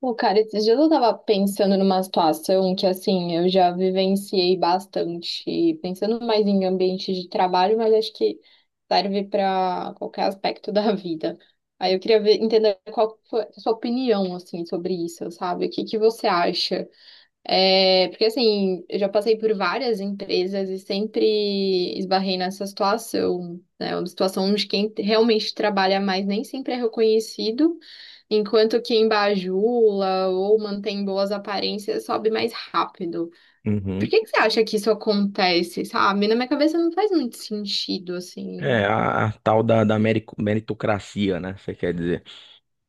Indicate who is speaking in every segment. Speaker 1: Pô, cara, esses dias eu tava pensando numa situação que, assim, eu já vivenciei bastante, pensando mais em ambiente de trabalho, mas acho que serve para qualquer aspecto da vida. Aí eu queria entender qual foi a sua opinião, assim, sobre isso, sabe? O que que você acha? É, porque assim, eu já passei por várias empresas e sempre esbarrei nessa situação, né? É uma situação onde quem realmente trabalha mais nem sempre é reconhecido, enquanto quem bajula ou mantém boas aparências sobe mais rápido. Por
Speaker 2: Uhum.
Speaker 1: que que você acha que isso acontece, sabe? Na minha cabeça não faz muito sentido,
Speaker 2: É,
Speaker 1: assim.
Speaker 2: a tal da meritocracia, né? Você quer dizer.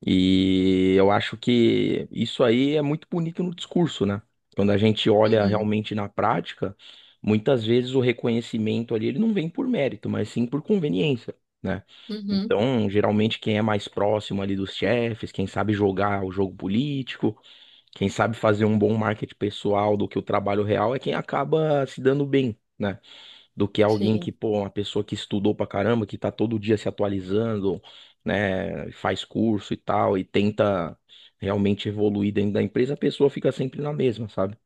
Speaker 2: E eu acho que isso aí é muito bonito no discurso, né? Quando a gente olha
Speaker 1: Uhum,
Speaker 2: realmente na prática, muitas vezes o reconhecimento ali ele não vem por mérito, mas sim por conveniência, né?
Speaker 1: uhum,
Speaker 2: Então, geralmente quem é mais próximo ali dos chefes, quem sabe jogar o jogo político, quem sabe fazer um bom marketing pessoal do que o trabalho real é quem acaba se dando bem. Né? Do que alguém que,
Speaker 1: sim.
Speaker 2: pô, uma pessoa que estudou pra caramba, que tá todo dia se atualizando, né, faz curso e tal, e tenta realmente evoluir dentro da empresa, a pessoa fica sempre na mesma, sabe?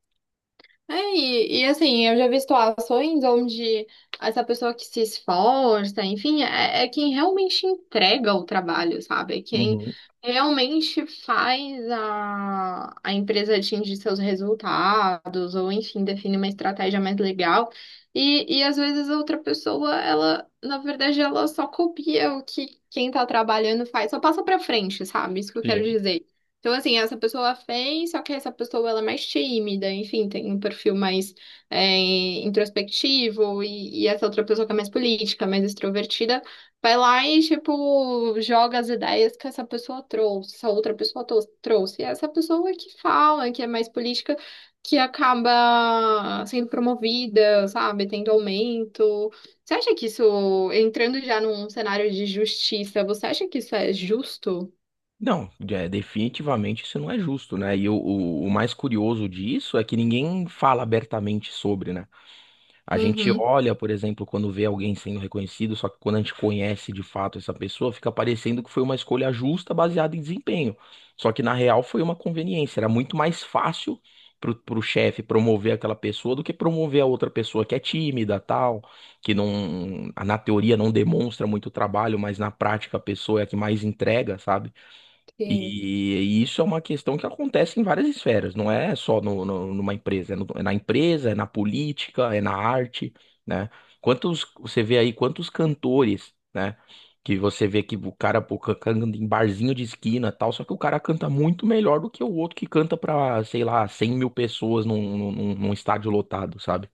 Speaker 1: É, assim, eu já vi situações onde essa pessoa que se esforça, enfim, é quem realmente entrega o trabalho, sabe? É quem
Speaker 2: Uhum,
Speaker 1: realmente faz a empresa atingir seus resultados, ou enfim, define uma estratégia mais legal. E às vezes a outra pessoa, ela, na verdade, ela só copia o que quem tá trabalhando faz, só passa pra frente, sabe? Isso que eu quero
Speaker 2: sim.
Speaker 1: dizer. Então, assim, essa pessoa fez, só que essa pessoa ela é mais tímida, enfim, tem um perfil mais introspectivo, e essa outra pessoa que é mais política, mais extrovertida, vai lá e, tipo, joga as ideias que essa pessoa trouxe, essa outra pessoa trouxe. E essa pessoa que fala, que é mais política, que acaba sendo promovida, sabe, tendo aumento. Você acha que isso, entrando já num cenário de justiça, você acha que isso é justo?
Speaker 2: Não, é, definitivamente isso não é justo, né? E o mais curioso disso é que ninguém fala abertamente sobre, né? A gente
Speaker 1: Uhum.
Speaker 2: olha, por exemplo, quando vê alguém sendo reconhecido, só que quando a gente conhece de fato essa pessoa, fica parecendo que foi uma escolha justa baseada em desempenho. Só que na real foi uma conveniência. Era muito mais fácil pro chefe promover aquela pessoa do que promover a outra pessoa que é tímida, tal, que não, na teoria não demonstra muito trabalho, mas na prática a pessoa é a que mais entrega, sabe?
Speaker 1: Sim.
Speaker 2: E, isso é uma questão que acontece em várias esferas, não é só numa empresa, é, é na empresa, é na política, é na arte, né? Quantos, você vê aí quantos cantores, né? Que você vê que o cara pô, canta em barzinho de esquina e tal, só que o cara canta muito melhor do que o outro que canta pra, sei lá, 100 mil pessoas num estádio lotado, sabe?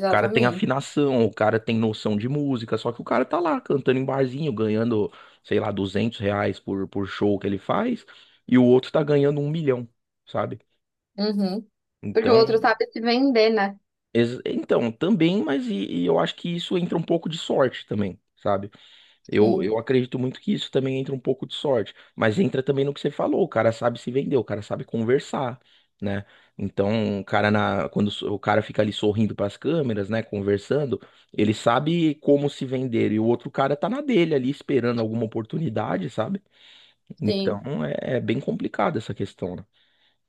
Speaker 2: O cara tem afinação, o cara tem noção de música, só que o cara tá lá cantando em barzinho, ganhando, sei lá, R$ 200 por show que ele faz, e o outro tá ganhando 1 milhão, sabe?
Speaker 1: Uhum. Porque o
Speaker 2: Então,
Speaker 1: outro sabe se vender, né?
Speaker 2: então também, mas e eu acho que isso entra um pouco de sorte também, sabe? Eu,
Speaker 1: Sim,
Speaker 2: eu acredito muito que isso também entra um pouco de sorte, mas entra também no que você falou, o cara sabe se vender, o cara sabe conversar, né? Então, o cara na, o cara fica ali sorrindo para as câmeras, né, conversando, ele sabe como se vender e o outro cara tá na dele ali esperando alguma oportunidade, sabe?
Speaker 1: sim.
Speaker 2: Então, é, é bem complicada essa questão,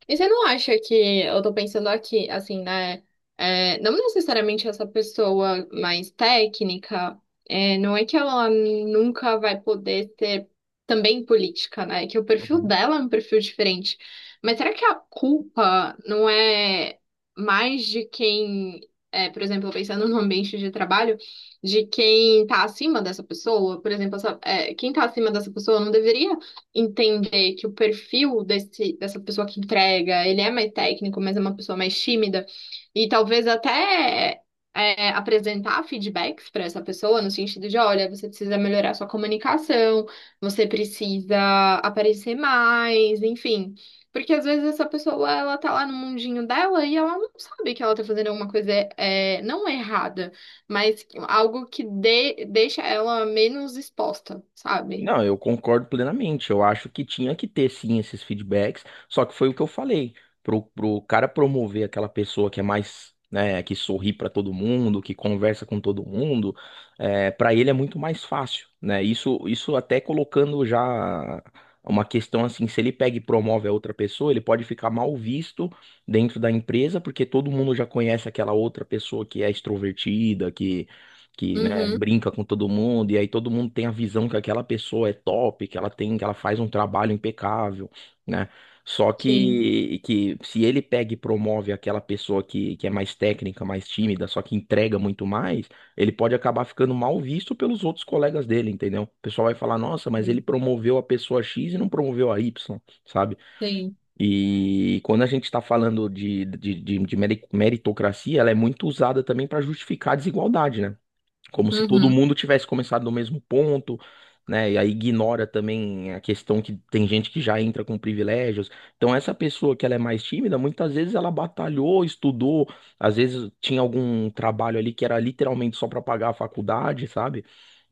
Speaker 1: E você não acha que, eu tô pensando aqui, assim, né? Não necessariamente essa pessoa mais técnica, não é que ela nunca vai poder ser também política, né? Que o perfil
Speaker 2: né?
Speaker 1: dela é um perfil diferente. Mas será que a culpa não é mais de quem, é, por exemplo, pensando no ambiente de trabalho, de quem tá acima dessa pessoa? Por exemplo, é, quem tá acima dessa pessoa não deveria entender que o perfil dessa pessoa que entrega, ele é mais técnico, mas é uma pessoa mais tímida, e talvez até apresentar feedbacks para essa pessoa, no sentido de, olha, você precisa melhorar sua comunicação, você precisa aparecer mais, enfim. Porque às vezes essa pessoa, ela tá lá no mundinho dela e ela não sabe que ela tá fazendo alguma coisa não errada, mas algo que deixa ela menos exposta, sabe?
Speaker 2: Não, eu concordo plenamente. Eu acho que tinha que ter sim esses feedbacks, só que foi o que eu falei. Pro cara promover aquela pessoa que é mais, né, que sorri pra todo mundo, que conversa com todo mundo, é, para ele é muito mais fácil, né? Isso até colocando já uma questão assim, se ele pega e promove a outra pessoa, ele pode ficar mal visto dentro da empresa, porque todo mundo já conhece aquela outra pessoa que é extrovertida, que, né,
Speaker 1: Uhum,
Speaker 2: brinca com todo mundo, e aí todo mundo tem a visão que aquela pessoa é top, que ela tem, que ela faz um trabalho impecável, né? Só
Speaker 1: sim.
Speaker 2: que se ele pega e promove aquela pessoa que é mais técnica, mais tímida, só que entrega muito mais, ele pode acabar ficando mal visto pelos outros colegas dele, entendeu? O pessoal vai falar, nossa, mas ele promoveu a pessoa X e não promoveu a Y, sabe?
Speaker 1: Sim,
Speaker 2: E quando a gente está falando de meritocracia, ela é muito usada também para justificar a desigualdade, né? Como se todo
Speaker 1: uhum,
Speaker 2: mundo tivesse começado no mesmo ponto, né? E aí ignora também a questão que tem gente que já entra com privilégios. Então essa pessoa que ela é mais tímida, muitas vezes ela batalhou, estudou, às vezes tinha algum trabalho ali que era literalmente só para pagar a faculdade, sabe?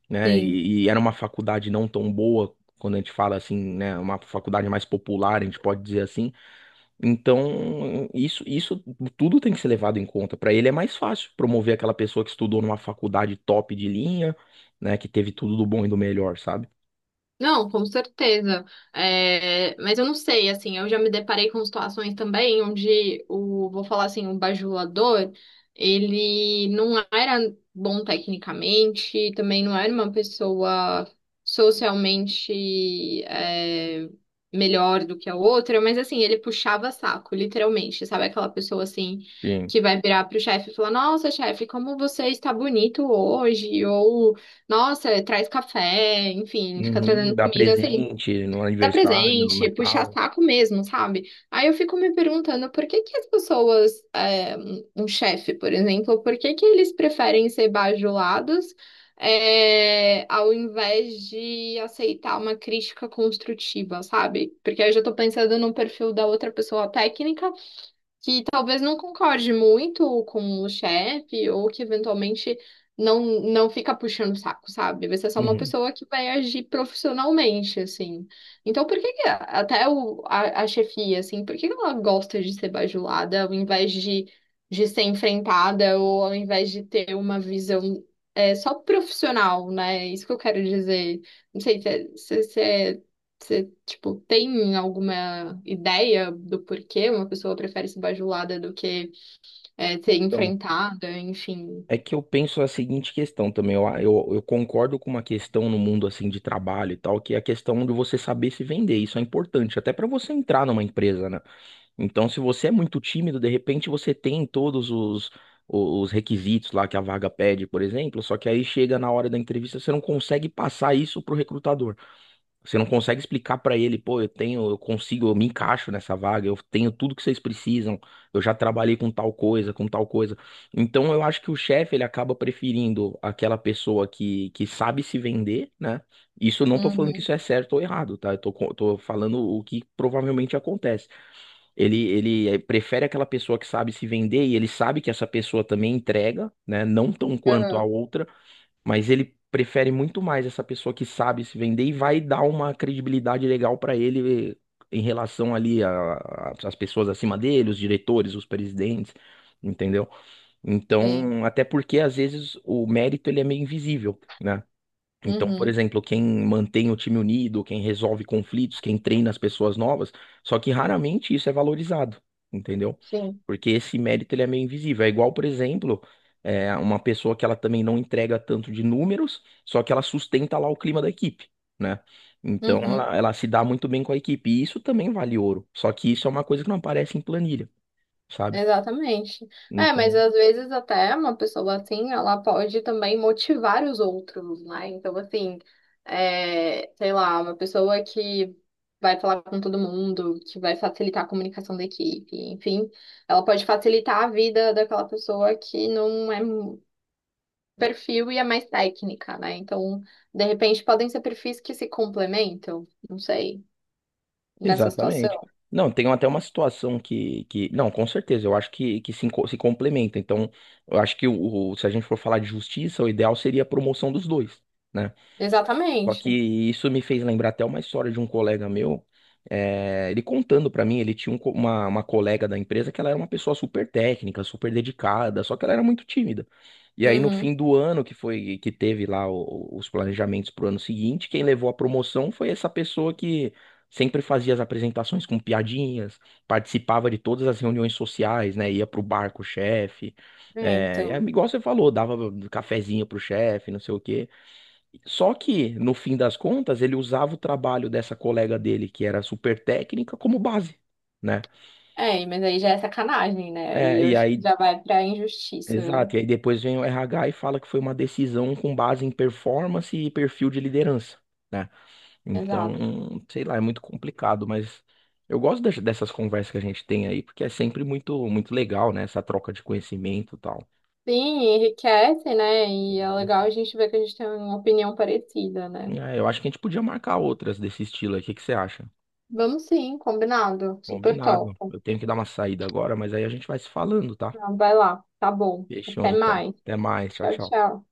Speaker 2: Né?
Speaker 1: sim.
Speaker 2: E era uma faculdade não tão boa. Quando a gente fala assim, né, uma faculdade mais popular, a gente pode dizer assim, então, isso tudo tem que ser levado em conta. Para ele é mais fácil promover aquela pessoa que estudou numa faculdade top de linha, né, que teve tudo do bom e do melhor, sabe?
Speaker 1: Não, com certeza. É, mas eu não sei, assim, eu já me deparei com situações também onde o, vou falar assim, o bajulador, ele não era bom tecnicamente, também não era uma pessoa socialmente, é, melhor do que a outra, mas assim, ele puxava saco, literalmente, sabe? Aquela pessoa assim.
Speaker 2: Sim.
Speaker 1: Que vai virar pro chefe e falar, nossa, chefe, como você está bonito hoje, ou nossa, traz café, enfim, fica
Speaker 2: Uhum,
Speaker 1: trazendo
Speaker 2: dar
Speaker 1: comida, assim,
Speaker 2: presente no
Speaker 1: dá
Speaker 2: aniversário, no
Speaker 1: presente, puxar
Speaker 2: Natal.
Speaker 1: saco mesmo, sabe? Aí eu fico me perguntando por que que as pessoas, é, um chefe, por exemplo, por que que eles preferem ser bajulados, é, ao invés de aceitar uma crítica construtiva, sabe? Porque aí eu já tô pensando no perfil da outra pessoa técnica que talvez não concorde muito com o chefe ou que eventualmente não fica puxando o saco, sabe? Vai ser só uma
Speaker 2: Uhum.
Speaker 1: pessoa que vai agir profissionalmente, assim. Então, por que que até a chefia, assim, por que que ela gosta de ser bajulada ao invés de ser enfrentada ou ao invés de ter uma visão só profissional, né? É isso que eu quero dizer. Não sei se é, você, tipo, tem alguma ideia do porquê uma pessoa prefere ser bajulada do que ser
Speaker 2: Então,
Speaker 1: enfrentada, enfim.
Speaker 2: é que eu penso a seguinte questão também. Eu concordo com uma questão no mundo assim de trabalho e tal, que é a questão de você saber se vender. Isso é importante, até para você entrar numa empresa, né? Então, se você é muito tímido, de repente você tem todos os requisitos lá que a vaga pede, por exemplo, só que aí chega na hora da entrevista, você não consegue passar isso pro recrutador. Você não consegue explicar para ele, pô, eu tenho, eu consigo, eu me encaixo nessa vaga, eu tenho tudo que vocês precisam, eu já trabalhei com tal coisa, com tal coisa. Então, eu acho que o chefe, ele acaba preferindo aquela pessoa que sabe se vender, né? Isso eu não tô falando que
Speaker 1: Uhum.
Speaker 2: isso é certo ou errado, tá? Eu tô, tô falando o que provavelmente acontece. Ele prefere aquela pessoa que sabe se vender e ele sabe que essa pessoa também entrega, né? Não tão quanto a
Speaker 1: Aham.
Speaker 2: outra, mas ele prefere muito mais essa pessoa que sabe se vender e vai dar uma credibilidade legal para ele em relação ali a, às pessoas acima dele, os diretores, os presidentes, entendeu?
Speaker 1: Sim.
Speaker 2: Então, até porque às vezes o mérito ele é meio invisível, né? Então, por
Speaker 1: Uhum.
Speaker 2: exemplo, quem mantém o time unido, quem resolve conflitos, quem treina as pessoas novas, só que raramente isso é valorizado, entendeu?
Speaker 1: Sim.
Speaker 2: Porque esse mérito ele é meio invisível. É igual, por exemplo, é, uma pessoa que ela também não entrega tanto de números, só que ela sustenta lá o clima da equipe, né? Então,
Speaker 1: Uhum.
Speaker 2: ela se dá muito bem com a equipe. E isso também vale ouro. Só que isso é uma coisa que não aparece em planilha, sabe?
Speaker 1: Exatamente. É, mas
Speaker 2: Então.
Speaker 1: às vezes até uma pessoa assim, ela pode também motivar os outros, né? Então, assim, é, sei lá, uma pessoa que vai falar com todo mundo, que vai facilitar a comunicação da equipe, enfim, ela pode facilitar a vida daquela pessoa que não é perfil e é mais técnica, né? Então, de repente, podem ser perfis que se complementam, não sei, nessa
Speaker 2: Exatamente.
Speaker 1: situação.
Speaker 2: Não, tem até uma situação que... Não, com certeza, eu acho que se, se complementa. Então, eu acho que o, se a gente for falar de justiça, o ideal seria a promoção dos dois, né? Só que
Speaker 1: Exatamente.
Speaker 2: isso me fez lembrar até uma história de um colega meu. Ele contando pra mim, ele tinha um uma colega da empresa que ela era uma pessoa super técnica, super dedicada, só que ela era muito tímida. E aí no
Speaker 1: Uhum.
Speaker 2: fim do ano que foi que teve lá os planejamentos pro ano seguinte, quem levou a promoção foi essa pessoa que sempre fazia as apresentações com piadinhas, participava de todas as reuniões sociais, né? Ia pro bar com o chefe,
Speaker 1: É,
Speaker 2: é e aí,
Speaker 1: então.
Speaker 2: igual você falou, dava cafezinho pro chefe, não sei o quê. Só que, no fim das contas, ele usava o trabalho dessa colega dele, que era super técnica, como base, né?
Speaker 1: É, mas aí já é sacanagem, né? Aí
Speaker 2: É,
Speaker 1: eu
Speaker 2: e
Speaker 1: acho que
Speaker 2: aí,
Speaker 1: já vai pra injustiça, né?
Speaker 2: exato, e aí depois vem o RH e fala que foi uma decisão com base em performance e perfil de liderança, né?
Speaker 1: Exato.
Speaker 2: Então, sei lá, é muito complicado, mas eu gosto dessas conversas que a gente tem aí, porque é sempre muito, muito legal, né? Essa troca de conhecimento e tal.
Speaker 1: Sim, enriquece, né? E é
Speaker 2: Isso.
Speaker 1: legal a gente ver que a gente tem uma opinião parecida, né?
Speaker 2: É, eu acho que a gente podia marcar outras desse estilo aí, o que que você acha?
Speaker 1: Vamos sim, combinado. Super
Speaker 2: Combinado.
Speaker 1: top.
Speaker 2: Eu tenho que dar uma saída agora, mas aí a gente vai se falando, tá?
Speaker 1: Então, vai lá. Tá bom.
Speaker 2: Fechou
Speaker 1: Até
Speaker 2: então.
Speaker 1: mais.
Speaker 2: Até mais. Tchau,
Speaker 1: Tchau,
Speaker 2: tchau.
Speaker 1: tchau.